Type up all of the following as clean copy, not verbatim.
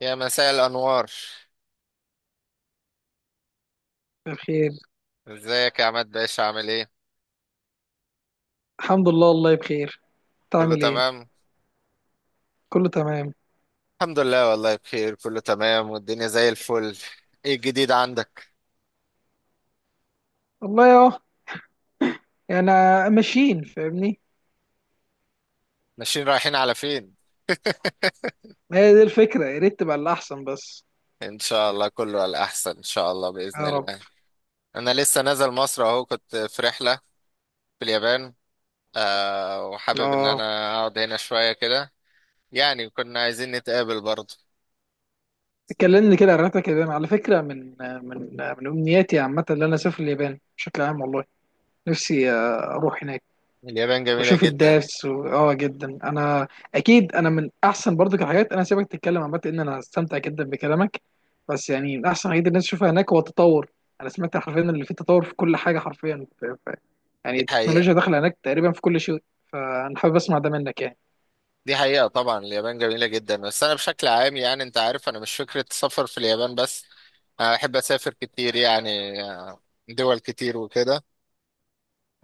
يا مساء الأنوار. بخير. ازيك يا عماد باشا، عامل ايه؟ الحمد لله والله بخير. انت كله عامل ايه؟ تمام؟ كله تمام. الحمد لله والله بخير، كله تمام والدنيا زي الفل. ايه الجديد عندك؟ والله اهو، يعني ماشيين، فاهمني. ماشيين رايحين على فين؟ ما هي دي الفكره، يا ريت تبقى الاحسن بس. ان شاء الله كله على الأحسن، ان شاء الله بإذن يا رب. الله. انا لسه نازل مصر اهو، كنت في رحلة في اليابان. وحابب ان اه، انا اقعد هنا شوية كده. يعني كنا عايزين نتقابل برضه. اتكلمني كده عن رحلتك اليابان. على فكره من امنياتي عامه ان انا اسافر اليابان بشكل عام والله. نفسي اروح هناك. اليابان جميلة بشوف جدا. الداس اه، جدا انا. اكيد انا من احسن برضو الحاجات، انا سيبك تتكلم، عامه ان انا استمتع جدا بكلامك. بس يعني من احسن الحاجات اللي الناس تشوفها هناك هو التطور. انا سمعت حرفيا اللي فيه تطور في كل حاجه حرفيا، يعني دي حقيقة. التكنولوجيا داخله هناك تقريبا في كل شيء. فانا حابب اسمع ده منك يعني. دي حقيقة، طبعا اليابان جميلة جدا، بس أنا بشكل عام، يعني أنت عارف أنا مش فكرة سفر في اليابان بس. أنا بحب أسافر كتير يعني. دول كتير وكده.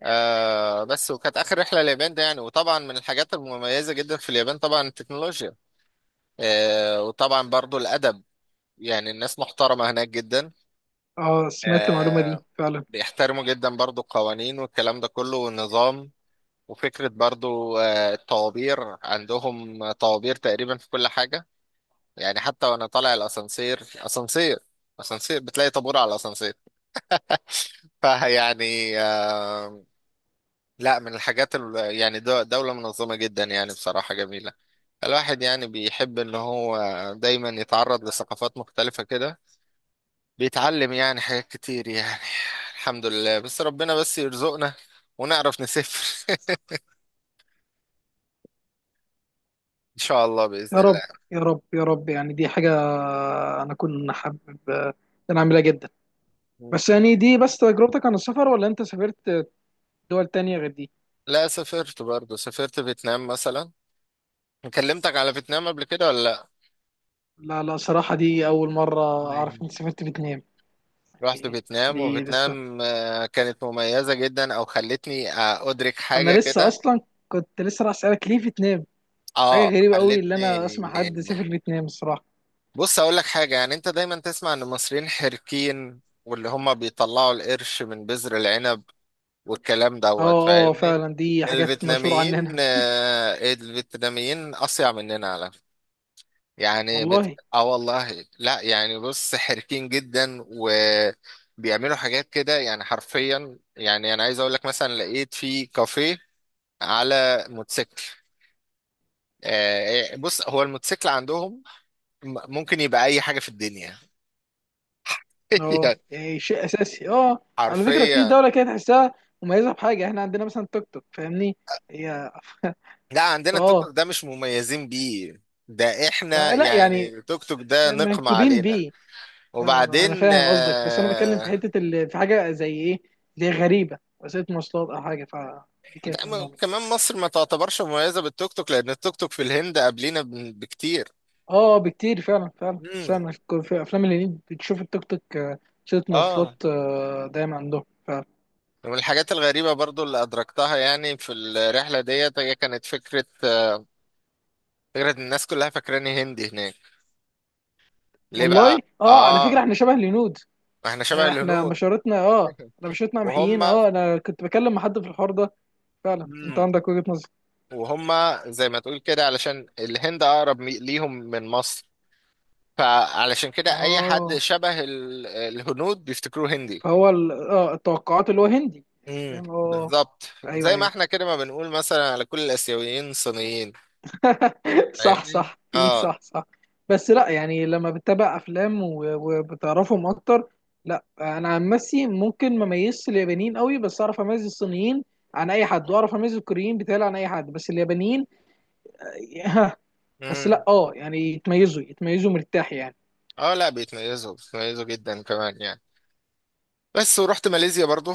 بس وكانت آخر رحلة اليابان ده يعني، وطبعا من الحاجات المميزة جدا في اليابان طبعا التكنولوجيا. وطبعا برضو الأدب، يعني الناس محترمة هناك جدا. اه، سمعت المعلومه آه. دي فعلا. بيحترموا جدا برضو القوانين والكلام ده كله والنظام. وفكرة برضو، الطوابير، عندهم طوابير تقريبا في كل حاجة. يعني حتى وانا طالع الاسانسير، اسانسير اسانسير بتلاقي طابور على الاسانسير. فيعني. لا، من الحاجات يعني دولة منظمة جدا، يعني بصراحة جميلة. الواحد يعني بيحب ان هو دايما يتعرض لثقافات مختلفة كده، بيتعلم يعني حاجات كتير يعني. الحمد لله، بس ربنا بس يرزقنا ونعرف نسافر. ان شاء الله باذن يا رب الله. يا رب يا رب. يعني دي حاجه انا كنت حابب، ان انا اعملها جدا. بس يعني دي بس تجربتك؟ عن السفر، ولا انت سافرت دول تانية غير دي؟ لا، سافرت برضه، سافرت فيتنام مثلا. كلمتك على فيتنام قبل كده ولا؟ لا لا، صراحة دي أول مرة لا. أعرف إنك سافرت فيتنام. رحت يعني فيتنام، دي لسه، وفيتنام، كانت مميزة جدا، او خلتني، ادرك أنا حاجة لسه كده. أصلا كنت لسه راح أسألك ليه فيتنام. حاجة اه غريبة أوي اللي خلتني. أنا أسمع حد سافر فيتنام الصراحة. بص اقول لك حاجة، يعني انت دايما تسمع ان المصريين حركين واللي هم بيطلعوا القرش من بذر العنب والكلام أه، دوت، أه فاهمني. فعلا دي حاجات مشهورة عننا. الفيتناميين اصيع مننا على، يعني والله. والله لا، يعني بص حركين جدا وبيعملوا حاجات كده يعني حرفيا، يعني انا عايز اقول لك مثلا لقيت في كافيه على موتوسيكل. بص، هو الموتوسيكل عندهم ممكن يبقى اي حاجة في الدنيا. أه يعني يعني شيء أساسي، أه. على فكرة في حرفيا. دولة كده تحسها مميزة بحاجة، إحنا عندنا مثلا توك توك فاهمني، هي. لا، عندنا التوك أه. توك ده مش مميزين بيه، ده احنا لا لا، يعني يعني التوك توك ده نقمة منكوبين علينا. بيه. انا وبعدين فاهم قصدك، بس انا بتكلم في حته اللي في حاجه زي ايه، زي غريبه، وسيله مواصلات او حاجه، فدي لا، كانت منهم يعني. كمان مصر ما تعتبرش مميزة بالتوك توك، لأن التوك توك في الهند قبلينا بكتير. اه بكتير فعلا فعلا. امم. فعلا، في افلام الهنيد بتشوف التوك توك، وسيله مواصلات اه. دايما عندهم فعلا. ومن الحاجات الغريبة برضو اللي أدركتها يعني في الرحلة ديت، هي كانت فكرة، إن الناس كلها فاكراني هندي هناك. ليه بقى؟ والله، اه. على فكره آه، احنا شبه الهنود. ما احنا شبه احنا الهنود. بشرتنا اه، بشرتنا وهم. محيين. اه انا كنت بكلم مع حد في الحوار ده، فعلا انت مم. عندك وجهه نظر. وهم زي ما تقول كده، علشان الهند أقرب ليهم من مصر، فعلشان كده أي حد اه شبه الهنود بيفتكروه هندي. فهو التوقعات اللي هو هندي يعني، فاهم اه بالظبط. ايوه زي ما احنا ايوه. كده، ما بنقول مثلا على كل الاسيويين صينيين. صح فاهمني صح في اه. صح صح. بس لا يعني لما بتتابع وبتعرفهم اكتر، لا انا عن نفسي ممكن ما اميزش اليابانيين قوي، بس اعرف اميز الصينيين عن اي حد، واعرف اميز الكوريين بتاعي عن اي حد، بس اليابانيين. بس امم. لا اه يعني يتميزوا يتميزوا مرتاح يعني. اه، لا، بيتميزوا بيتميزوا جدا كمان يعني. بس ورحت ماليزيا برضو،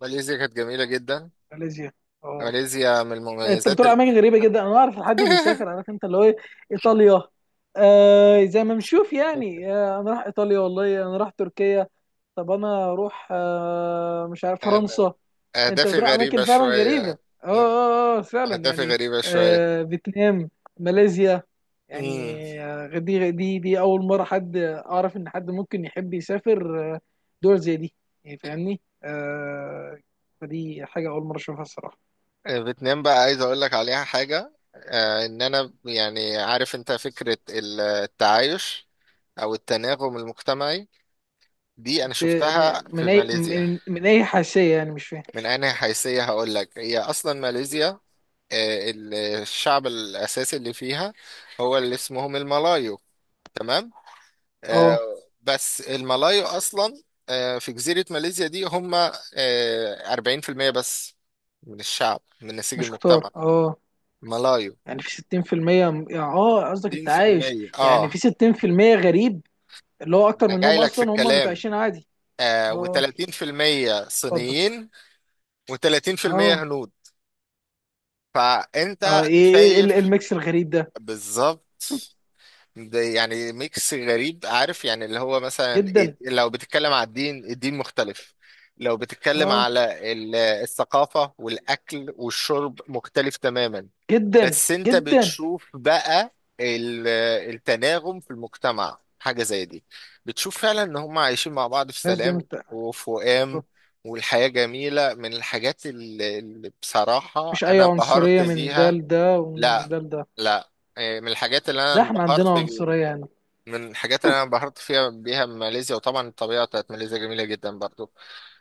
ماليزيا كانت جميلة جدا. ماليزيا، اه. ماليزيا من انت المميزات بتروح اماكن غريبه جدا، انا اعرف حد بيسافر عارف انت اللي هو ايه، ايطاليا. آه زي ما بنشوف يعني، آه انا راح ايطاليا، والله انا راح تركيا. طب انا اروح آه مش عارف أنا فرنسا. انت اهدافي بتروح غريبة اماكن فعلا غريبه، اه شوية. مم. اه اه فعلا اهدافي يعني. غريبة شوية. آه فيتنام، ماليزيا، يعني امم. دي اول مره حد اعرف ان حد ممكن يحب يسافر دول زي دي، يعني فاهمني آه. فدي حاجه اول مره اشوفها الصراحه. فيتنام بقى عايز اقول لك عليها حاجة، ان انا يعني عارف انت فكرة التعايش، او التناغم المجتمعي، دي انا ب... شفتها في ماليزيا. من اي حاشيه؟ يعني مش فاهم. من انهي حيثية هقول لك، هي اصلا ماليزيا، الشعب الأساسي اللي فيها هو اللي اسمهم الملايو. تمام. آه، اه. بس الملايو أصلا، في جزيرة ماليزيا دي هم، 40% بس من الشعب من نسيج مش كتار، المجتمع اه. ملايو. يعني في 60%. يعني اه قصدك التعايش. 60% يعني في . 60% غريب، اللي هو اكتر أنا جاي منهم لك في اصلا، هم الكلام. متعايشين عادي. اه، و30% اتفضل. صينيين، و30% اه. هنود. اه فأنت ايه ايه إيه شايف. الميكس الغريب ده. بالظبط. ده يعني ميكس غريب، عارف، يعني اللي هو مثلا جدا. لو بتتكلم على الدين، الدين مختلف. لو بتتكلم اه. على الثقافة والأكل والشرب مختلف تماما. جدا بس انت جدا. بتشوف بقى ال- التناغم في المجتمع حاجة زي دي، بتشوف فعلا ان هم عايشين مع بعض في الناس دي سلام وفؤام، والحياة جميلة. من الحاجات اللي بصراحة مش اي انا انبهرت عنصريه من ده بيها. لده ومن لا، ده لده. لا. إيه، من الحاجات اللي انا ده احنا عندنا انبهرت بيها. عنصريه هنا. من الحاجات اللي انا انبهرت بيها ماليزيا، وطبعا الطبيعه بتاعت ماليزيا جميله جدا برضو.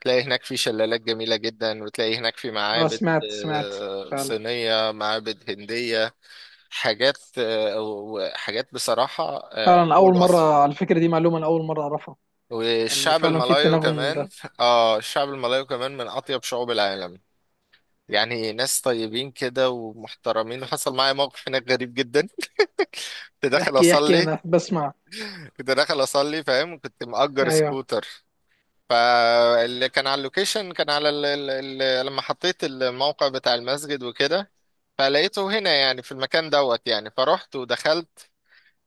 تلاقي هناك في شلالات جميله جدا، وتلاقي هناك في اه معابد سمعت سمعت. آه، فعلا صينيه، معابد هنديه، حاجات، وحاجات بصراحه، فعلا. فوق اول مره الوصف. على الفكره دي معلومه، انا اول مره اعرفها، ان والشعب فعلا في الملايو التناغم ده. كمان، اه الشعب الملايو كمان من اطيب شعوب العالم، يعني ناس طيبين كده ومحترمين. وحصل معايا موقف هناك غريب جدا. كنت داخل احكي احكي، اصلي. انا بسمع. كنت داخل اصلي، فاهم، كنت مأجر ايوه. سكوتر. فاللي كان على اللوكيشن كان على لما حطيت الموقع بتاع المسجد وكده، فلقيته هنا يعني في المكان دوت، يعني فرحت ودخلت.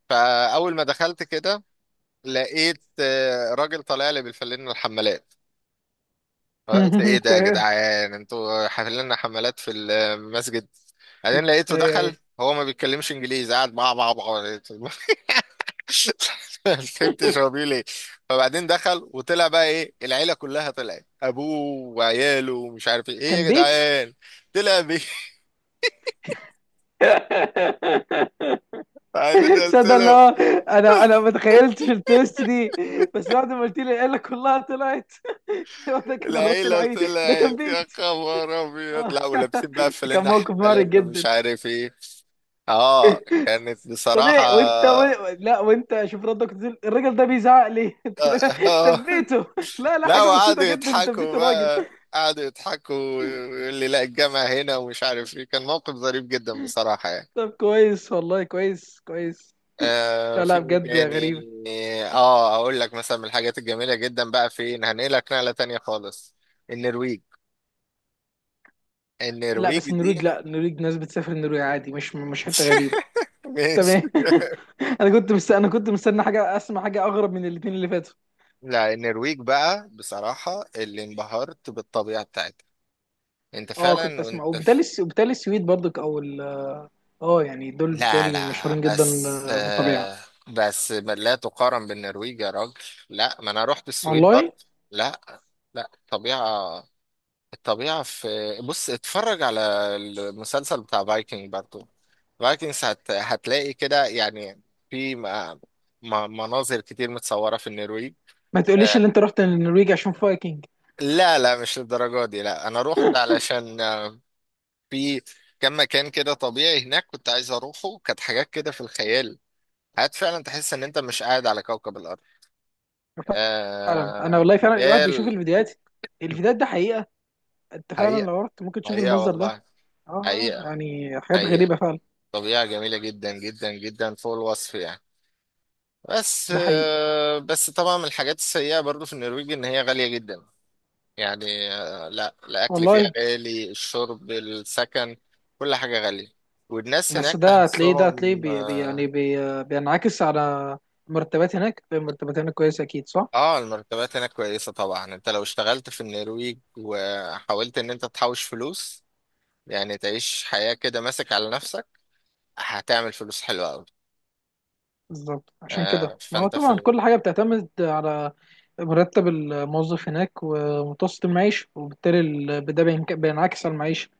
فأول ما دخلت كده لقيت، راجل طالع لي بالفلين الحمالات. قلت ايه ده يا تمام. جدعان، انتوا حافلين حمالات في المسجد؟ بعدين لقيته ايوه دخل. ايوه، هو ما بيتكلمش انجليزي، قاعد بقى. ما فهمتش هو بيقول ايه. فبعدين دخل وطلع بقى ايه، العيله كلها طلعت، ابوه وعياله ومش عارف ايه ايه كان يا بيت. جدعان، طلع بيه. بعدين قلت صدق له الله. انا ما تخيلتش التويست دي، بس بعد ما قلت لي قال لك كلها طلعت. هو ده كان الرد العيله الوحيد، ده كان طلعت، يا بيت. خبر ابيض، آه، لا ولابسين بقى كان فلنا موقف حفلات محرج ومش جدا. عارف ايه. اه كانت طب بصراحه ايه آه. لا، وانت شوف ردك تقول الراجل ده بيزعق لي. تبيته. لا لا لا، حاجه بسيطه وقعدوا جدا تبيت يضحكوا الراجل. بقى، قعدوا يضحكوا ويقول لي لا الجامع هنا ومش عارف ايه. كان موقف ظريف جدا بصراحه يعني. طب كويس، والله كويس كويس. لا في لا، ايه بجد تاني. غريب. اه اقول لك مثلا من الحاجات الجميله جدا بقى، فين هنقلك نقله تانية خالص. النرويج. لا النرويج بس دي. النرويج، لا النرويج ناس بتسافر النرويج عادي، مش مش حته غريبه. ماشي. تمام. انا كنت مستني حاجه، اسمع حاجه اغرب من الاثنين اللي فاتوا. لا، النرويج بقى بصراحه اللي انبهرت بالطبيعه بتاعتها، انت اه فعلا كنت اسمع، وانت في. وبالتالي السويد برضك اه يعني دول لا بالتالي لا، مشهورين جدا بس بالطبيعه. آه بس لا تقارن بالنرويج يا راجل. لا، ما انا رحت السويد برضه. والله. لا. لا، طبيعه. الطبيعة في، بص اتفرج على المسلسل بتاع فايكنج برضو، فايكنجز هتلاقي كده، يعني في م... مناظر كتير متصورة في النرويج. ما تقوليش آه، ان انت رحت النرويج عشان فايكنج. لا، لا، مش للدرجة دي، لا أنا روحت علشان، في كم مكان كده طبيعي هناك كنت عايز أروحه، كانت حاجات كده في الخيال، حاجات فعلا تحس إن أنت مش قاعد على كوكب الأرض. فعلا، انا ، والله فعلا الواحد بيشوف جبال. الفيديوهات، الفيديوهات ده حقيقه، انت فعلا حقيقة. لو رحت ممكن تشوف حقيقة المنظر ده. والله. اه حقيقة. يعني حاجات حقيقة. غريبه فعلا. طبيعة جميلة جدا جدا جدا فوق الوصف يعني. بس ده حقيقي. طبعا من الحاجات السيئة برضو في النرويج إن هي غالية جدا. يعني، لا، الأكل فيها والله. غالي، الشرب، السكن، كل حاجة غالية. والناس بس هناك ده هتلاقيه ده هتلاقيه تحسهم بي بي- يعني اه بي بينعكس على مرتبات. هناك المرتبات هناك كويسة أكيد، صح؟ المرتبات هناك كويسة، طبعا انت لو اشتغلت في النرويج وحاولت ان انت تحوش فلوس، يعني تعيش حياة كده ماسك على نفسك، هتعمل فلوس حلوة أوي. بالظبط، عشان كده ما هو فانت في طبعا ال- كل حاجة بتعتمد على مرتب الموظف هناك ومتوسط المعيشة، وبالتالي ده بينعكس على المعيشة.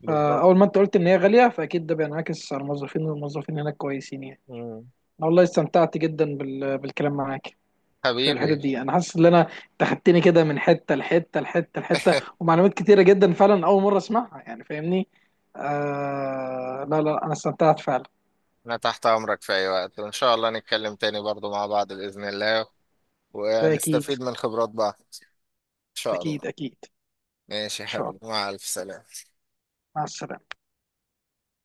بالظبط. فأول ما أنت قلت إن هي غالية، فأكيد ده بينعكس على الموظفين، والموظفين هناك كويسين يعني. مم. أنا والله استمتعت جدا بالكلام معاك في الحتت حبيبي. دي. انا حاسس ان انا تخدتني كده من حته لحته لحته لحته، ومعلومات كتيره جدا فعلا اول مره اسمعها، يعني فاهمني. آه لا لا، انا استمتعت فعلا. أنا تحت أمرك في أي وقت، وإن شاء الله نتكلم تاني برضو مع بعض بإذن الله، ده اكيد ونستفيد من خبرات بعض إن شاء الله. اكيد اكيد. ماشي ان يا شاء حبيبي، الله. مع ألف سلامة. مع السلامه.